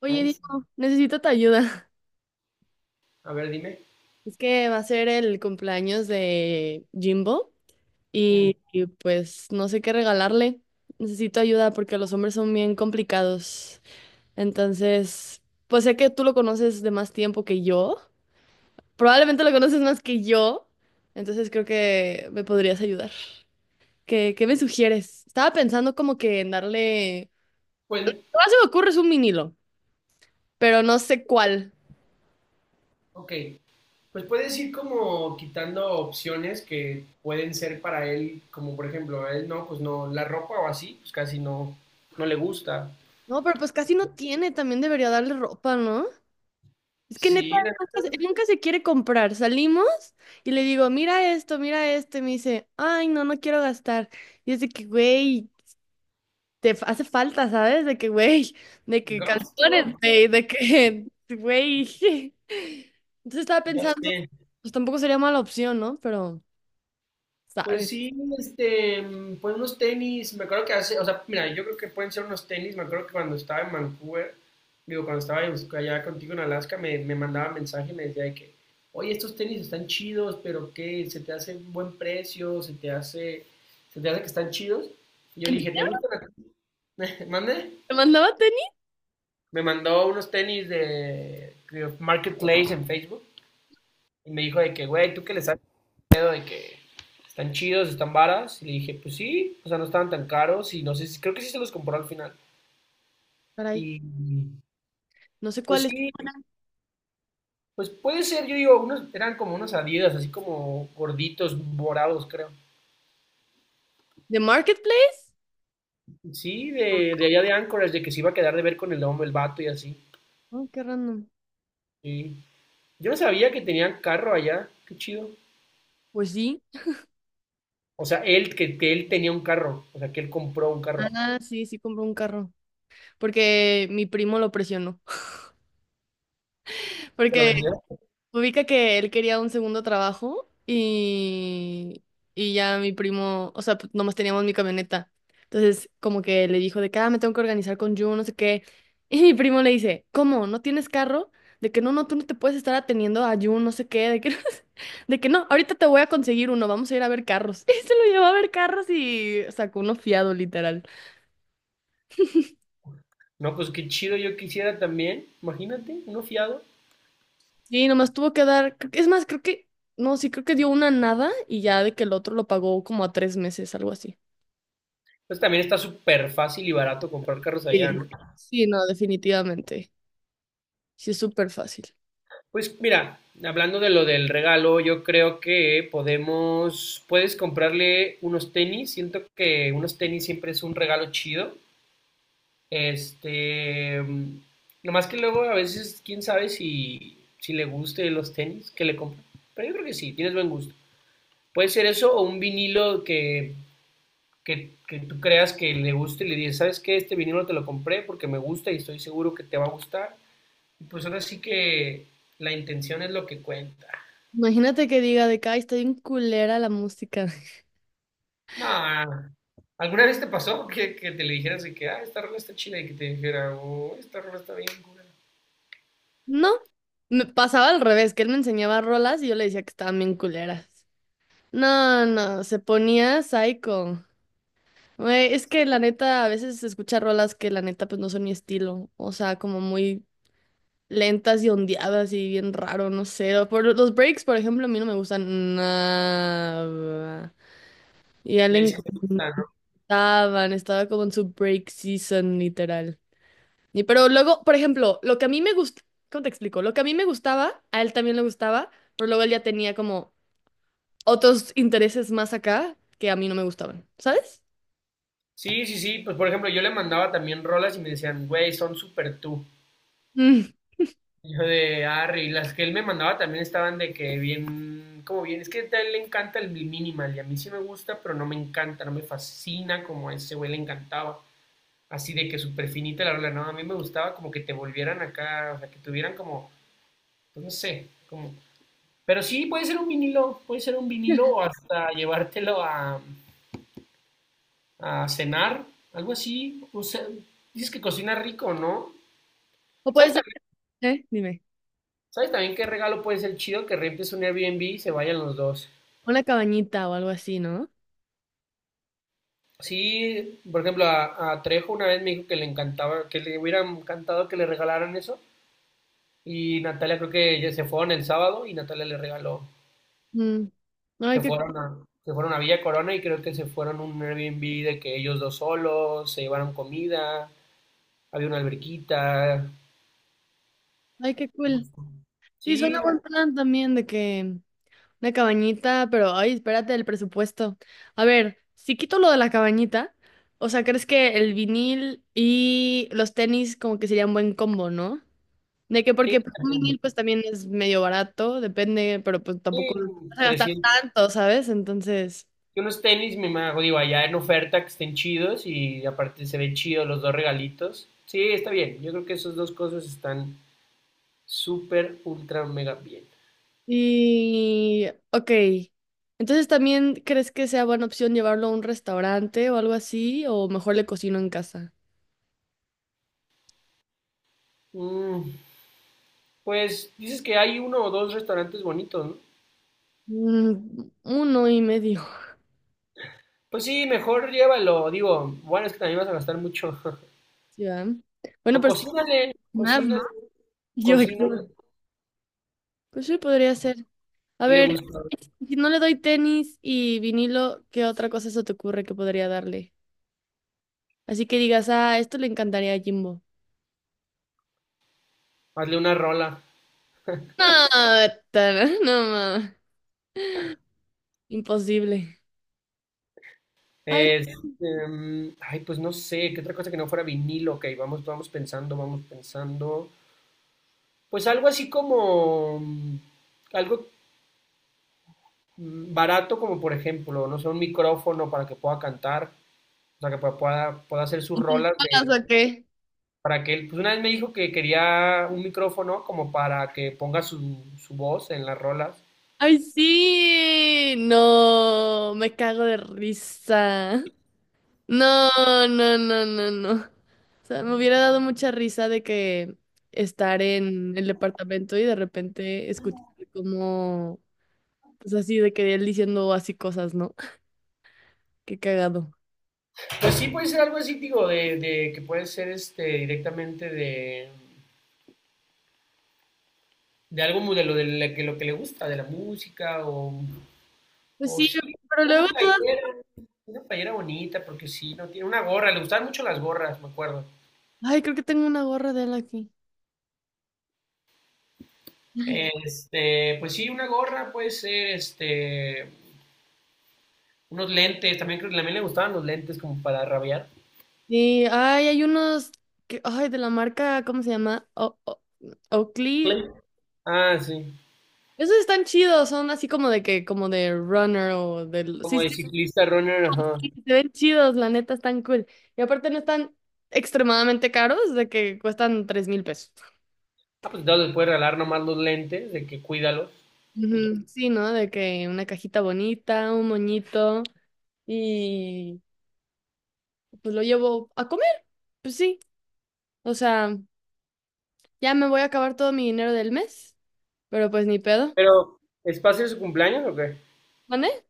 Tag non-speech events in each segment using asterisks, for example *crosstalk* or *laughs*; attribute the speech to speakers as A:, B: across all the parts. A: Oye,
B: Ay, sí.
A: Diego, necesito tu ayuda. *laughs*
B: A ver, dime.
A: Es que va a ser el cumpleaños de Jimbo
B: Mm,
A: y pues no sé qué regalarle. Necesito ayuda porque los hombres son bien complicados. Entonces, pues sé que tú lo conoces de más tiempo que yo. Probablemente lo conoces más que yo. Entonces creo que me podrías ayudar. ¿Qué me sugieres? Estaba pensando como que en darle.
B: Pues,
A: Lo más que se me ocurre es un vinilo, pero no sé cuál.
B: ok. Pues puedes ir como quitando opciones que pueden ser para él, como por ejemplo, a él no, pues no, la ropa o así, pues casi no, no le gusta.
A: No, pero pues casi no tiene. También debería darle ropa, ¿no? Es que neta,
B: Sí, la-
A: nunca se quiere comprar. Salimos y le digo, mira esto, mira esto. Y me dice, ay, no, no quiero gastar. Y es de que, güey, hace falta, ¿sabes? De que, güey, de que
B: gasto.
A: calzones, güey, de que, *laughs* güey. Entonces estaba
B: Ya
A: pensando,
B: sé.
A: pues tampoco sería mala opción, ¿no? Pero,
B: Pues
A: ¿sabes?
B: sí, pues unos tenis, me acuerdo que hace, o sea, mira, yo creo que pueden ser unos tenis, me acuerdo que cuando estaba en Vancouver, digo, cuando estaba en- allá contigo en Alaska, me mandaba mensaje y me decía de que, oye, estos tenis están chidos, pero ¿qué? ¿Se te hace un buen precio? ¿Se te hace que están chidos? Y yo
A: ¿En
B: le dije, ¿te
A: serio?
B: gustan a ti? *laughs* ¿Mande?
A: ¿Me mandaba tenis?
B: Me mandó unos tenis de Marketplace en Facebook y me dijo de que, güey, ¿tú qué les haces? Pedo de que están chidos, están varas. Y le dije, pues sí, o sea, no estaban tan caros y no sé, si- creo que sí se los compró al final.
A: Caray,
B: Y
A: no sé
B: pues
A: cuál es.
B: sí, pues puede ser, yo digo, unos eran como unos Adidas, así como gorditos, morados, creo.
A: ¿De Marketplace?
B: Sí, de allá de Anchorage, de que se iba a quedar de ver con el hombre, el vato y así.
A: Oh, qué random.
B: Sí. Yo no sabía que tenían carro allá, qué chido.
A: Pues sí.
B: O sea, que él tenía un carro, o sea, que él compró un carro.
A: Ah, sí, sí compró un carro. Porque mi primo lo presionó. *laughs*
B: ¿Te lo
A: Porque
B: vendió?
A: ubica que él quería un segundo trabajo y ya mi primo, o sea, pues, nomás teníamos mi camioneta. Entonces, como que le dijo de que, ah, me tengo que organizar con Jun, no sé qué. *laughs* Y mi primo le dice, ¿cómo? ¿No tienes carro? De que no, no, tú no te puedes estar atendiendo a Jun, no sé qué, de que, *laughs* de que no, ahorita te voy a conseguir uno, vamos a ir a ver carros. *laughs* Y se lo llevó a ver carros y sacó uno fiado, literal.
B: No, pues qué chido, yo quisiera también, imagínate, uno fiado.
A: Sí, nomás tuvo que dar, es más, creo que dio una nada y ya de que el otro lo pagó como a tres meses, algo así.
B: Entonces también está súper fácil y barato comprar carros
A: Sí.
B: allá, ¿no?
A: Sí, no, definitivamente. Sí, es súper fácil.
B: Pues mira, hablando de lo del regalo, yo creo que puedes comprarle unos tenis. Siento que unos tenis siempre es un regalo chido. Este, nomás que luego a veces, quién sabe si le guste los tenis que le compran. Pero yo creo que sí, tienes buen gusto. Puede ser eso o un vinilo que tú creas que le guste y le dices, ¿sabes qué? Este vinilo te lo compré porque me gusta y estoy seguro que te va a gustar. Pues ahora sí que la intención es lo que cuenta.
A: Imagínate que diga de que, ay, está bien culera la música. *laughs*
B: No, ¿alguna vez te pasó que te le dijeras de que, ah, esta rola está chida y que te dijera, oh, esta rola está bien, cura?
A: No, me pasaba al revés, que él me enseñaba rolas y yo le decía que estaban bien culeras. No, no, se ponía psycho. Güey, es que la neta, a veces se escucha rolas que la neta pues no son mi estilo. O sea, como muy lentas y ondeadas y bien raro, no sé. O por los breaks, por ejemplo, a mí no me gustan nada. Y a él le
B: Y él sí te gusta,
A: encanta.
B: ¿no?
A: Estaba como en su break season, literal. Y pero luego, por ejemplo, lo que a mí me gusta, ¿cómo te explico? Lo que a mí me gustaba, a él también le gustaba, pero luego él ya tenía como otros intereses más acá que a mí no me gustaban, ¿sabes?
B: Sí, sí, sí, pues por ejemplo, yo le mandaba también rolas y me decían, güey, son súper tú.
A: Mm.
B: Y yo de Harry, las que él me mandaba también estaban de que bien, como bien, es que a él le encanta el minimal y a mí sí me gusta, pero no me encanta, no me fascina como a ese güey le encantaba. Así de que súper finita la rola, no, a mí me gustaba como que te volvieran acá, o sea, que tuvieran como, pues no sé, como... Pero sí, puede ser un vinilo, puede ser un vinilo o hasta llevártelo a cenar, algo así. O sea, dices que cocina rico, ¿no?
A: O puede
B: ¿Sabes
A: ser,
B: también,
A: ¿eh? Dime,
B: ¿Sabes también qué regalo puede ser chido? Que rentes un Airbnb y se vayan los dos.
A: una cabañita o algo así, ¿no?
B: Sí, por ejemplo, a Trejo una vez me dijo que le encantaba, que le hubiera encantado que le regalaran eso. Y Natalia creo que ya se fueron el sábado y Natalia le regaló
A: Mm. Ay,
B: se
A: qué,
B: fueron a, se fueron a Villa Corona y creo que se fueron a un Airbnb de que ellos dos solos, se llevaron comida, había una alberquita.
A: ay, qué cool. Sí, suena
B: Sí, la-
A: buen plan también de que una cabañita, pero ay, espérate el presupuesto. A ver, si quito lo de la cabañita, o sea, ¿crees que el vinil y los tenis como que serían buen combo, ¿no? De que
B: sí,
A: porque pues, un
B: también.
A: vinil pues también es medio barato, depende, pero pues tampoco
B: Sí,
A: vas a gastar
B: 300.
A: tanto, ¿sabes? Entonces,
B: Y unos tenis, me imagino, digo, allá en oferta que estén chidos y aparte se ven chidos los dos regalitos. Sí, está bien. Yo creo que esas dos cosas están súper, ultra, mega bien.
A: y ok. Entonces, ¿también crees que sea buena opción llevarlo a un restaurante o algo así? ¿O mejor le cocino en casa?
B: Mm, pues dices que hay uno o dos restaurantes bonitos, ¿no?
A: Mm, uno y medio. *laughs*
B: Pues sí, mejor llévalo, digo, bueno, es que también vas a gastar mucho. *laughs*
A: ¿sí, va?
B: O
A: Bueno, pero es que
B: cocínale, cocínale,
A: yo
B: cocínale,
A: creo. Pues sí, podría ser. A
B: qué le
A: ver,
B: gusta,
A: si no le doy tenis y vinilo, ¿qué otra cosa se te ocurre que podría darle? Así que digas, ah, esto le encantaría a Jimbo.
B: hazle una rola.
A: No, no, ma. Imposible. Ay,
B: Este, pues no sé, qué otra cosa que no fuera vinilo, ok, vamos, vamos pensando, vamos pensando. Pues algo así como, algo barato como por ejemplo, no sé, un micrófono para que pueda cantar, o sea, que pueda hacer sus rolas
A: ¿Pagas o qué?
B: para que él, pues una vez me dijo que quería un micrófono como para que ponga su voz en las rolas.
A: Ay, sí. No, me cago de risa. No, no, no, no, no. O sea, me hubiera dado mucha risa de que estar en el departamento y de repente escuchar como, pues así, de que él diciendo así cosas, ¿no? Qué cagado.
B: Pues sí, puede ser algo así, digo, de que puede ser este directamente de algo muy de lo, de la que, lo que le gusta, de la música
A: Pues
B: o
A: sí,
B: sí,
A: pero
B: una
A: luego todas.
B: playera, una playera bonita, porque sí, no tiene una gorra, le gustaban mucho las gorras, me acuerdo.
A: Ay, creo que tengo una gorra de él aquí. *laughs*
B: Este, pues sí, una gorra puede ser, este, unos lentes, también creo que también le gustaban los lentes como para rabiar.
A: Sí, ay, hay unos que, ay, de la marca, ¿cómo se llama? Oakley.
B: Lentes. Ah, sí.
A: Esos están chidos, son así como de que, como de runner o del.
B: Como
A: Sí,
B: de
A: sí,
B: ciclista runner, ajá.
A: sí, se ven chidos, la neta, están cool. Y aparte no están extremadamente caros, de que cuestan 3,000 pesos.
B: Ah, pues entonces les puedes regalar nomás los lentes, de que cuídalos. Y ya.
A: Ujú, sí, ¿no? De que una cajita bonita, un moñito y pues lo llevo a comer, pues sí. O sea, ya me voy a acabar todo mi dinero del mes, pero pues ni pedo.
B: Pero, ¿es para hacer su cumpleaños o qué?
A: ¿Mané?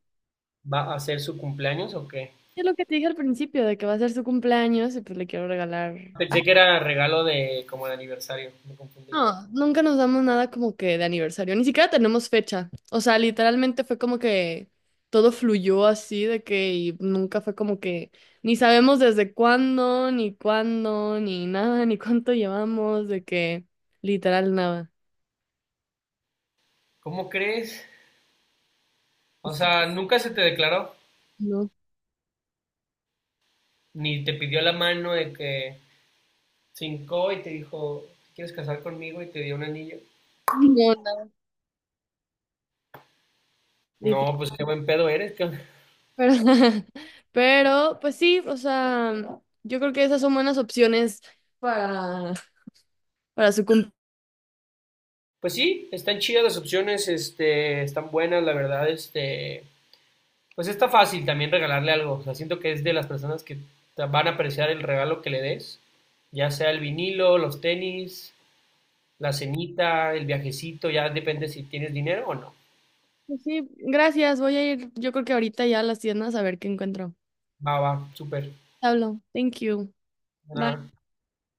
B: ¿Va a hacer su cumpleaños o qué?
A: Es lo que te dije al principio, de que va a ser su cumpleaños y pues le quiero regalar.
B: Pensé que era regalo de como de aniversario, me confundí.
A: No, nunca nos damos nada como que de aniversario, ni siquiera tenemos fecha. O sea, literalmente fue como que todo fluyó así de que y nunca fue como que ni sabemos desde cuándo, ni nada, ni cuánto llevamos, de que literal nada.
B: ¿Cómo crees? O
A: Es-
B: sea, nunca se te declaró,
A: No,
B: ni te pidió la mano de que cincó y te dijo, ¿quieres casar conmigo? Y te dio un anillo.
A: *laughs* no, nada, literal.
B: No, pues qué buen pedo eres. Qué-
A: Pero, *laughs* pero, pues sí, o sea, yo creo que esas son buenas opciones para, para su cumpleaños.
B: pues sí, están chidas las opciones, este, están buenas, la verdad, este, pues está fácil también regalarle algo. O sea, siento que es de las personas que van a apreciar el regalo que le des, ya sea el vinilo, los tenis, la cenita, el viajecito, ya depende si tienes dinero o no.
A: Pues sí, gracias. Voy a ir, yo creo que ahorita ya a las tiendas a ver qué encuentro.
B: Va, va, súper.
A: Pablo, thank you. Bye.
B: Nada.